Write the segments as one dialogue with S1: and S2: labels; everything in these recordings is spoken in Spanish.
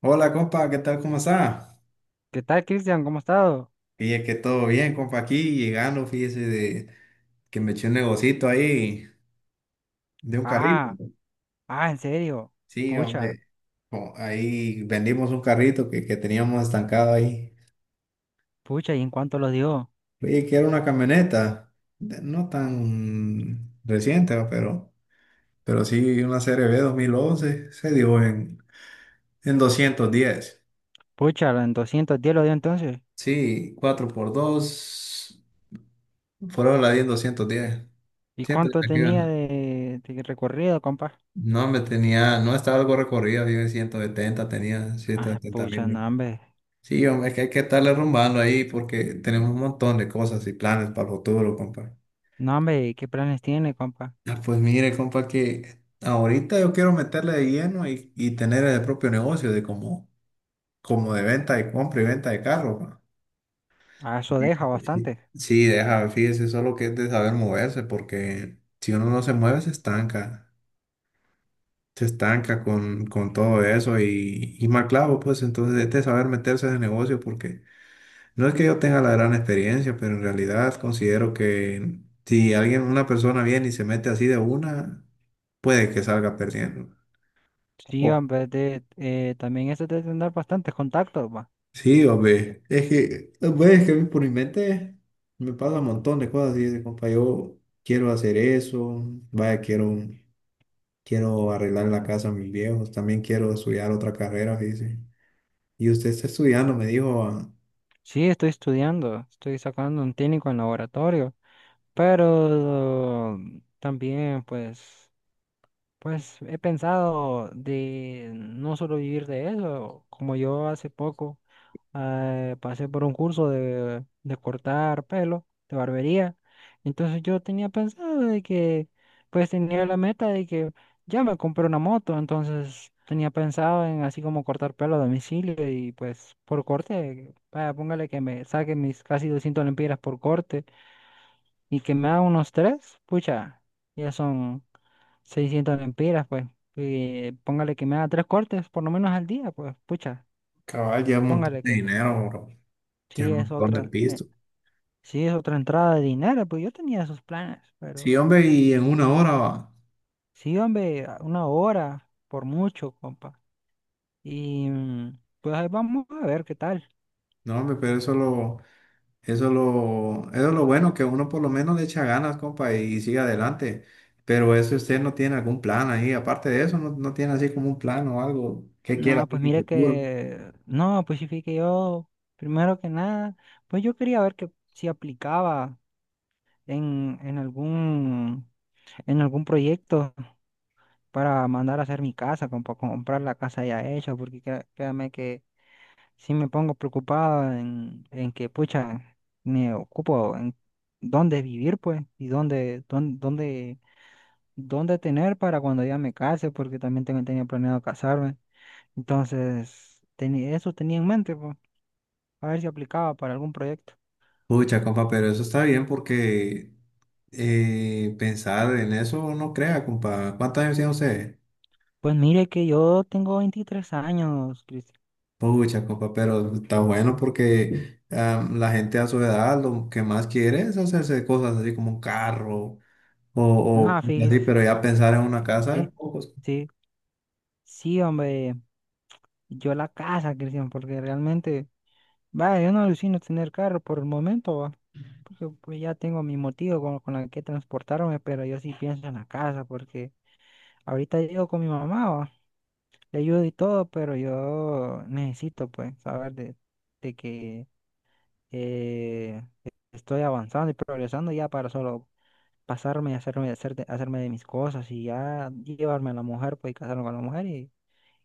S1: Hola, compa, ¿qué tal? ¿Cómo está?
S2: ¿Qué tal, Cristian? ¿Cómo has estado?
S1: Fíjese que todo bien, compa, aquí llegando, fíjese de que me eché un negocito ahí de un carrito.
S2: Ah, ah, en serio.
S1: Sí, hombre,
S2: Pucha,
S1: ahí vendimos un carrito que teníamos estancado ahí.
S2: pucha, ¿y en cuánto lo dio?
S1: Oye, que era una camioneta, no tan reciente, ¿va? Pero sí una Serie B 2011, se dio en 210.
S2: Pucha, en 210 lo dio entonces.
S1: Sí, cuatro por dos, fueron la 10 en 210.
S2: ¿Y
S1: Siempre
S2: cuánto
S1: te
S2: tenía
S1: quedan.
S2: de recorrido, compa?
S1: No, me tenía, no estaba algo recorrido, yo en 170, tenía ciento
S2: Ah,
S1: setenta mil
S2: pucha, no,
S1: millas.
S2: hombre.
S1: Sí, hombre, es que hay que estarle rumbando ahí porque tenemos un montón de cosas y planes para el futuro, compa.
S2: No, hombre, ¿y qué planes tiene, compa?
S1: Ah, pues mire, compa, que ahorita yo quiero meterle de lleno y tener el propio negocio de como de venta de compra y venta de carro. Pa.
S2: Ah, eso deja
S1: Sí,
S2: bastante.
S1: sí, deja, fíjese, solo que es de saber moverse porque si uno no se mueve se estanca. Se estanca con todo eso y mal clavo, pues entonces es de saber meterse en el negocio porque no es que yo tenga la gran experiencia, pero en realidad considero que si alguien, una persona viene y se mete así de una, puede que salga perdiendo.
S2: Sí,
S1: Oh,
S2: hombre, también eso debe tener bastantes contactos, va.
S1: sí, hombre, es que a mí por mi mente me pasa un montón de cosas y dice, compa, yo quiero hacer eso, vaya, quiero arreglar la casa a mis viejos, también quiero estudiar otra carrera, dice. Y usted está estudiando, me dijo.
S2: Sí, estoy estudiando, estoy sacando un técnico en laboratorio, pero también, pues. Pues he pensado de no solo vivir de eso, como yo hace poco pasé por un curso de cortar pelo, de barbería. Entonces yo tenía pensado de que, pues tenía la meta de que ya me compré una moto, entonces tenía pensado en así como cortar pelo a domicilio y pues por corte, vaya, póngale que me saque mis casi 200 lempiras por corte y que me haga unos tres, pucha, ya son 600 lempiras, pues. Y póngale que me haga tres cortes, por lo menos al día, pues, pucha,
S1: Cabal, lleva un montón
S2: póngale
S1: de
S2: que
S1: dinero, bro.
S2: sí
S1: Lleva un
S2: es
S1: montón de
S2: otra, eh,
S1: pisto.
S2: sí es otra entrada de dinero, pues yo tenía esos planes, pero
S1: Sí, hombre, y en una hora va.
S2: sí, hombre, una hora, por mucho, compa. Y pues ahí vamos a ver qué tal.
S1: No, hombre, pero eso es lo bueno, que uno por lo menos le echa ganas, compa, y sigue adelante. Pero eso si usted no tiene algún plan ahí. Aparte de eso, no tiene así como un plan o algo que quiera
S2: No, pues
S1: hacer en el
S2: mire
S1: futuro.
S2: que, no, pues sí fui que yo, primero que nada, pues yo quería ver que si aplicaba en, en algún, en algún proyecto para mandar a hacer mi casa, como comprar la casa ya hecha, porque créame que sí me pongo preocupado en que, pucha, me ocupo en dónde vivir, pues, y dónde tener para cuando ya me case, porque también tengo, tenía planeado casarme. Entonces, tenía, eso tenía en mente, pues, a ver si aplicaba para algún proyecto.
S1: Pucha, compa, pero eso está bien porque pensar en eso no crea, compa. ¿Cuántos años tiene usted?
S2: Pues mire que yo tengo 23 años, Cristian.
S1: Pucha, compa, pero está bueno porque la gente a su edad lo que más quiere es hacerse cosas así como un carro o
S2: No,
S1: cosas así,
S2: fíjese,
S1: pero ya pensar en una casa,
S2: sí,
S1: pocos.
S2: sí, sí, hombre, yo la casa, Cristian, porque realmente... Va, yo no alucino tener carro por el momento, va, porque pues ya tengo mi motivo con la que transportarme, pero yo sí pienso en la casa, porque ahorita llego con mi mamá, va, le ayudo y todo, pero yo necesito, pues, saber de que eh, estoy avanzando y progresando ya para solo pasarme y hacerme de mis cosas y ya llevarme a la mujer, pues, y casarme con la mujer y,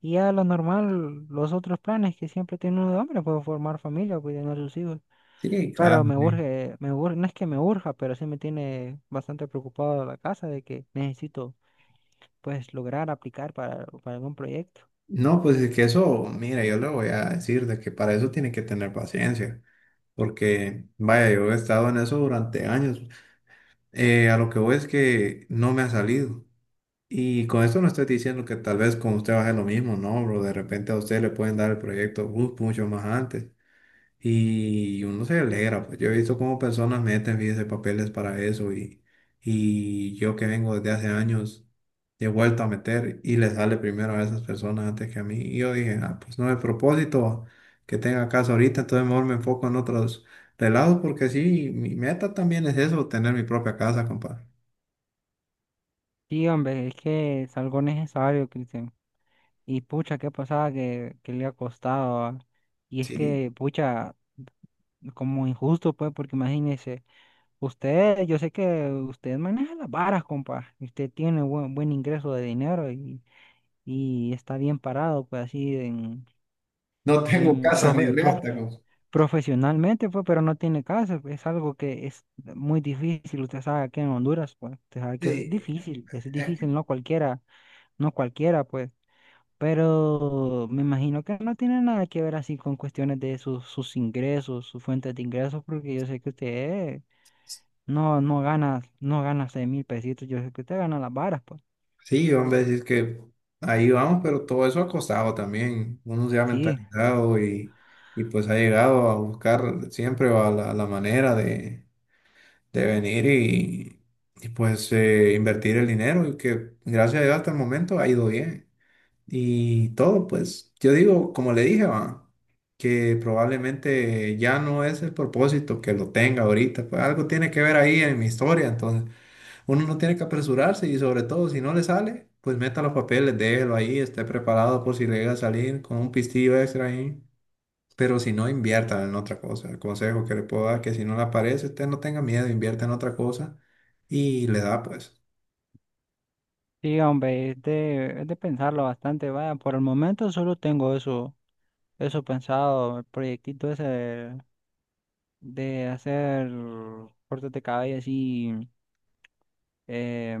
S2: y ya lo normal, los otros planes que siempre tiene uno de hombre, pues, formar familia, cuidar a sus hijos.
S1: Sí,
S2: Pero
S1: claro, sí.
S2: me urge, no es que me urja, pero sí me tiene bastante preocupado la casa de que necesito pues lograr aplicar para algún proyecto.
S1: No, pues es que eso, mira, yo le voy a decir de que para eso tiene que tener paciencia, porque vaya, yo he estado en eso durante años. A lo que voy es que no me ha salido. Y con esto no estoy diciendo que tal vez con usted va a ser lo mismo, no, bro. De repente a usted le pueden dar el proyecto mucho más antes. Y uno se alegra, pues yo he visto cómo personas meten vidas de papeles para eso y yo que vengo desde hace años he vuelto a meter y le sale primero a esas personas antes que a mí. Y yo dije, ah, pues no es propósito que tenga caso ahorita, entonces mejor me enfoco en otros relados porque sí, mi meta también es eso, tener mi propia casa, compadre.
S2: Sí, hombre, es que es algo necesario, Cristian. Y pucha, qué pasada que le ha costado. Ah. Y es
S1: Sí,
S2: que, pucha, como injusto, pues, porque imagínese, usted, yo sé que usted maneja las varas, compa, y usted tiene buen ingreso de dinero y está bien parado, pues así
S1: no tengo
S2: en
S1: casa ni reata, compadre.
S2: profesionalmente, pues, pero no tiene caso, pues. Es algo que es muy difícil. Usted sabe que en Honduras, pues, usted sabe que eso es
S1: Sí,
S2: difícil. Eso es
S1: es
S2: difícil, no cualquiera, no cualquiera, pues. Pero me imagino que no tiene nada que ver así con cuestiones de sus ingresos, sus fuentes de ingresos, porque yo sé que usted no gana 6,000 pesitos, yo sé que usted gana las varas, pues.
S1: Sí, hombre, decir que ahí vamos, pero todo eso ha costado también. Uno se ha
S2: Sí,
S1: mentalizado y pues ha llegado a buscar siempre a la manera de venir y, pues invertir el dinero y que gracias a Dios hasta el momento ha ido bien. Y todo, pues yo digo, como le dije, va, que probablemente ya no es el propósito que lo tenga ahorita, pues algo tiene que ver ahí en mi historia, entonces. Uno no tiene que apresurarse y sobre todo si no le sale, pues meta los papeles, déjelo ahí, esté preparado por si le llega a salir con un pistillo extra ahí. Pero si no, invierta en otra cosa. El consejo que le puedo dar, que si no le aparece, usted no tenga miedo, invierta en otra cosa y le da pues.
S2: sí, hombre, es de pensarlo bastante, vaya, por el momento solo tengo eso pensado, el proyectito ese de hacer cortes de cabello así eh,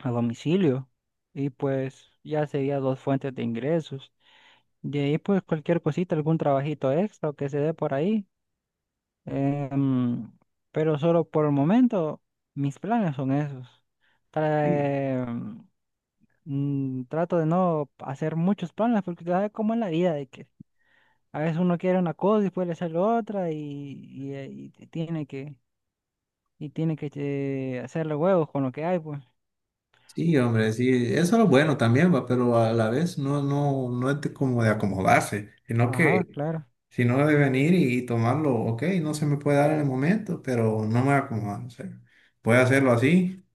S2: a domicilio. Y pues ya sería dos fuentes de ingresos. De ahí pues cualquier cosita, algún trabajito extra que se dé por ahí. Em, pero solo por el momento mis planes son esos. Tra-
S1: Y
S2: em, Trato de no hacer muchos planes porque tú sabes cómo es la vida de que a veces uno quiere una cosa y después le sale otra y tiene que hacerle huevos con lo que hay, pues.
S1: sí, hombre, sí, eso es lo bueno también, va, pero a la vez no, no, no es de como de acomodarse, sino
S2: Ajá,
S1: que
S2: claro.
S1: si no de venir y tomarlo, ok, no se me puede dar en el momento, pero no me voy a acomodar, o sea, voy a hacerlo así.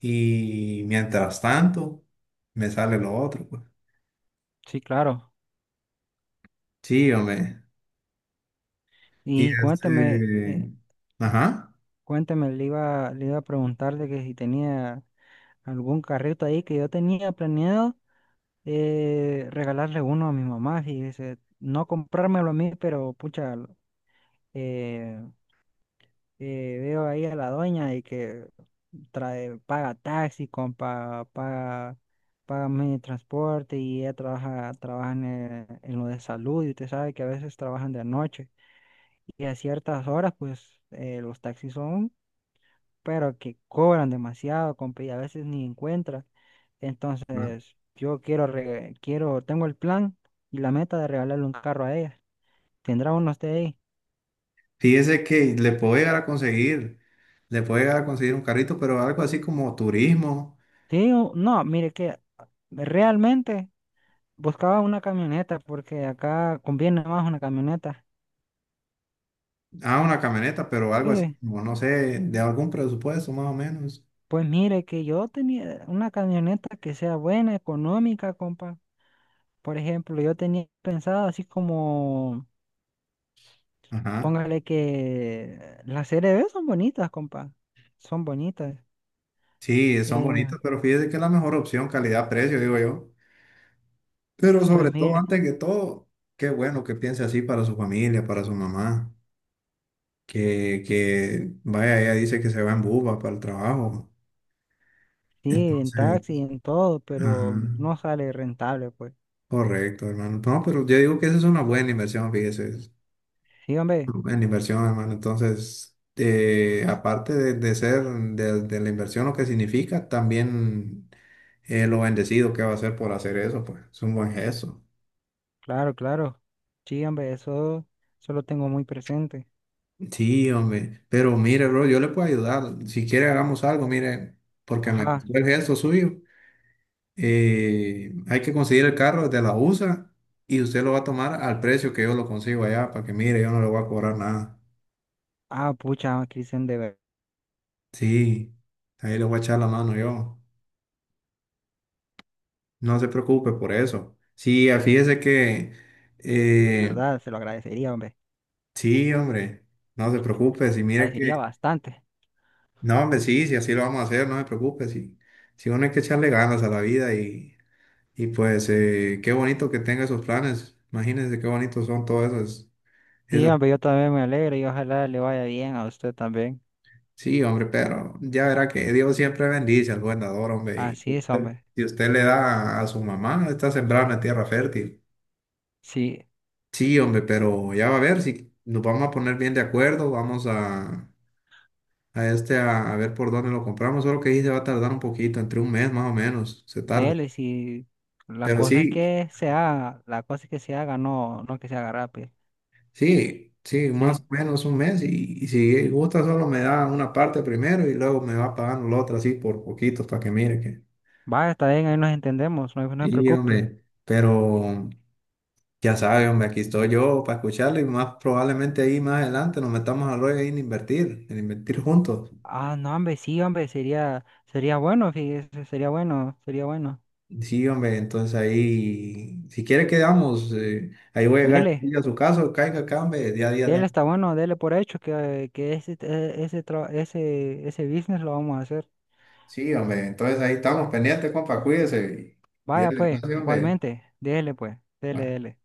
S1: Y mientras tanto, me sale lo otro, pues.
S2: Sí, claro.
S1: Sí, hombre. Y
S2: Y cuéntame,
S1: este, ajá.
S2: le iba a preguntar de que si tenía algún carrito ahí que yo tenía planeado, regalarle uno a mi mamá, y dice, no comprármelo a mí, pero pucha, eh, veo ahí a la doña y que trae, paga taxi, compa, paga medio de transporte y ella trabaja en lo de salud y usted sabe que a veces trabajan de noche y a ciertas horas pues, los taxis son, pero que cobran demasiado, compa, y a veces ni encuentra.
S1: ¿No?
S2: Entonces yo quiero, quiero, tengo el plan y la meta de regalarle un carro a ella. ¿Tendrá uno usted ahí?
S1: Fíjese que le puedo llegar a conseguir un carrito, pero algo así como turismo.
S2: Sí, no, mire que realmente... Buscaba una camioneta porque acá conviene más una camioneta.
S1: Ah, una camioneta, pero algo así
S2: Sí,
S1: como, no sé, de algún presupuesto más o menos.
S2: pues mire que yo tenía una camioneta que sea buena, económica, compa. Por ejemplo, yo tenía pensado así como,
S1: Ajá.
S2: póngale que las C CRV son bonitas, compa. Son bonitas.
S1: Sí, son
S2: Eh,
S1: bonitas, pero fíjese que es la mejor opción, calidad-precio, digo yo. Pero
S2: pues
S1: sobre todo,
S2: mire,
S1: antes que todo, qué bueno que piense así para su familia, para su mamá. Que, vaya, ella dice que se va en buba para el trabajo.
S2: sí, en taxi,
S1: Entonces,
S2: en todo,
S1: ajá,
S2: pero no sale rentable, pues.
S1: correcto, hermano. No, pero yo digo que esa es una buena inversión, fíjese. Es
S2: Sí, hombre,
S1: una buena inversión, hermano. Entonces, aparte de ser de la inversión lo que significa, también, lo bendecido que va a ser por hacer eso, pues es un buen gesto.
S2: claro, claro. Sí, hombre, eso lo tengo muy presente.
S1: Sí, hombre, pero mire, bro, yo le puedo ayudar. Si quiere, hagamos algo, mire, porque me
S2: Ajá.
S1: gustó el gesto suyo. Hay que conseguir el carro desde la USA y usted lo va a tomar al precio que yo lo consigo allá, para que mire, yo no le voy a cobrar nada.
S2: Ah, pucha, Cristian, de verdad.
S1: Sí, ahí le voy a echar la mano yo. No se preocupe por eso. Sí, ah, fíjese que,
S2: De
S1: eh,
S2: verdad, se lo agradecería, hombre.
S1: sí, hombre, no se preocupe, si mire
S2: Agradecería
S1: que,
S2: bastante.
S1: no, hombre, sí, si así lo vamos a hacer, no se preocupe, sí. Si uno hay que echarle ganas a la vida y pues qué bonito que tenga esos planes. Imagínense qué bonitos son todos esos
S2: Sí,
S1: esas.
S2: hombre, yo también me alegro y ojalá le vaya bien a usted también.
S1: Sí, hombre, pero ya verá que Dios siempre bendice al buen dador, hombre.
S2: Así es, hombre.
S1: Si usted le da a su mamá, está sembrada en la tierra fértil.
S2: Sí,
S1: Sí, hombre, pero ya va a ver si nos vamos a poner bien de acuerdo. Vamos a ver por dónde lo compramos. Solo que ahí se va a tardar un poquito, entre un mes más o menos, se tarda.
S2: dele, si la
S1: Pero
S2: cosa es
S1: sí,
S2: que se haga, la cosa es que se haga, no, no que se haga rápido.
S1: sí, sí, más
S2: Sí,
S1: o menos un mes. Y si gusta, solo me da una parte primero y luego me va pagando la otra así por poquitos para que mire que.
S2: va, está bien, ahí nos entendemos, no, no se
S1: Sí,
S2: preocupe.
S1: hombre, pero. Ya saben hombre, aquí estoy yo para escucharlo y más probablemente ahí más adelante nos metamos al rollo ahí en invertir juntos.
S2: Ah, no, hombre, sí, hombre, sería bueno, fíjese, sería bueno, sería bueno.
S1: Sí, hombre, entonces ahí, si quiere quedamos, ahí voy a llegar
S2: Dele,
S1: yo a su casa caiga acá, hombre, día a día.
S2: dele, está bueno, dele por hecho que ese, e, ese, tra- ese business lo vamos a hacer.
S1: Sí, hombre, entonces ahí estamos pendientes, compa, cuídese y
S2: Vaya
S1: dale
S2: pues,
S1: gracias, hombre.
S2: igualmente, déjele pues, dele,
S1: Bueno.
S2: dele.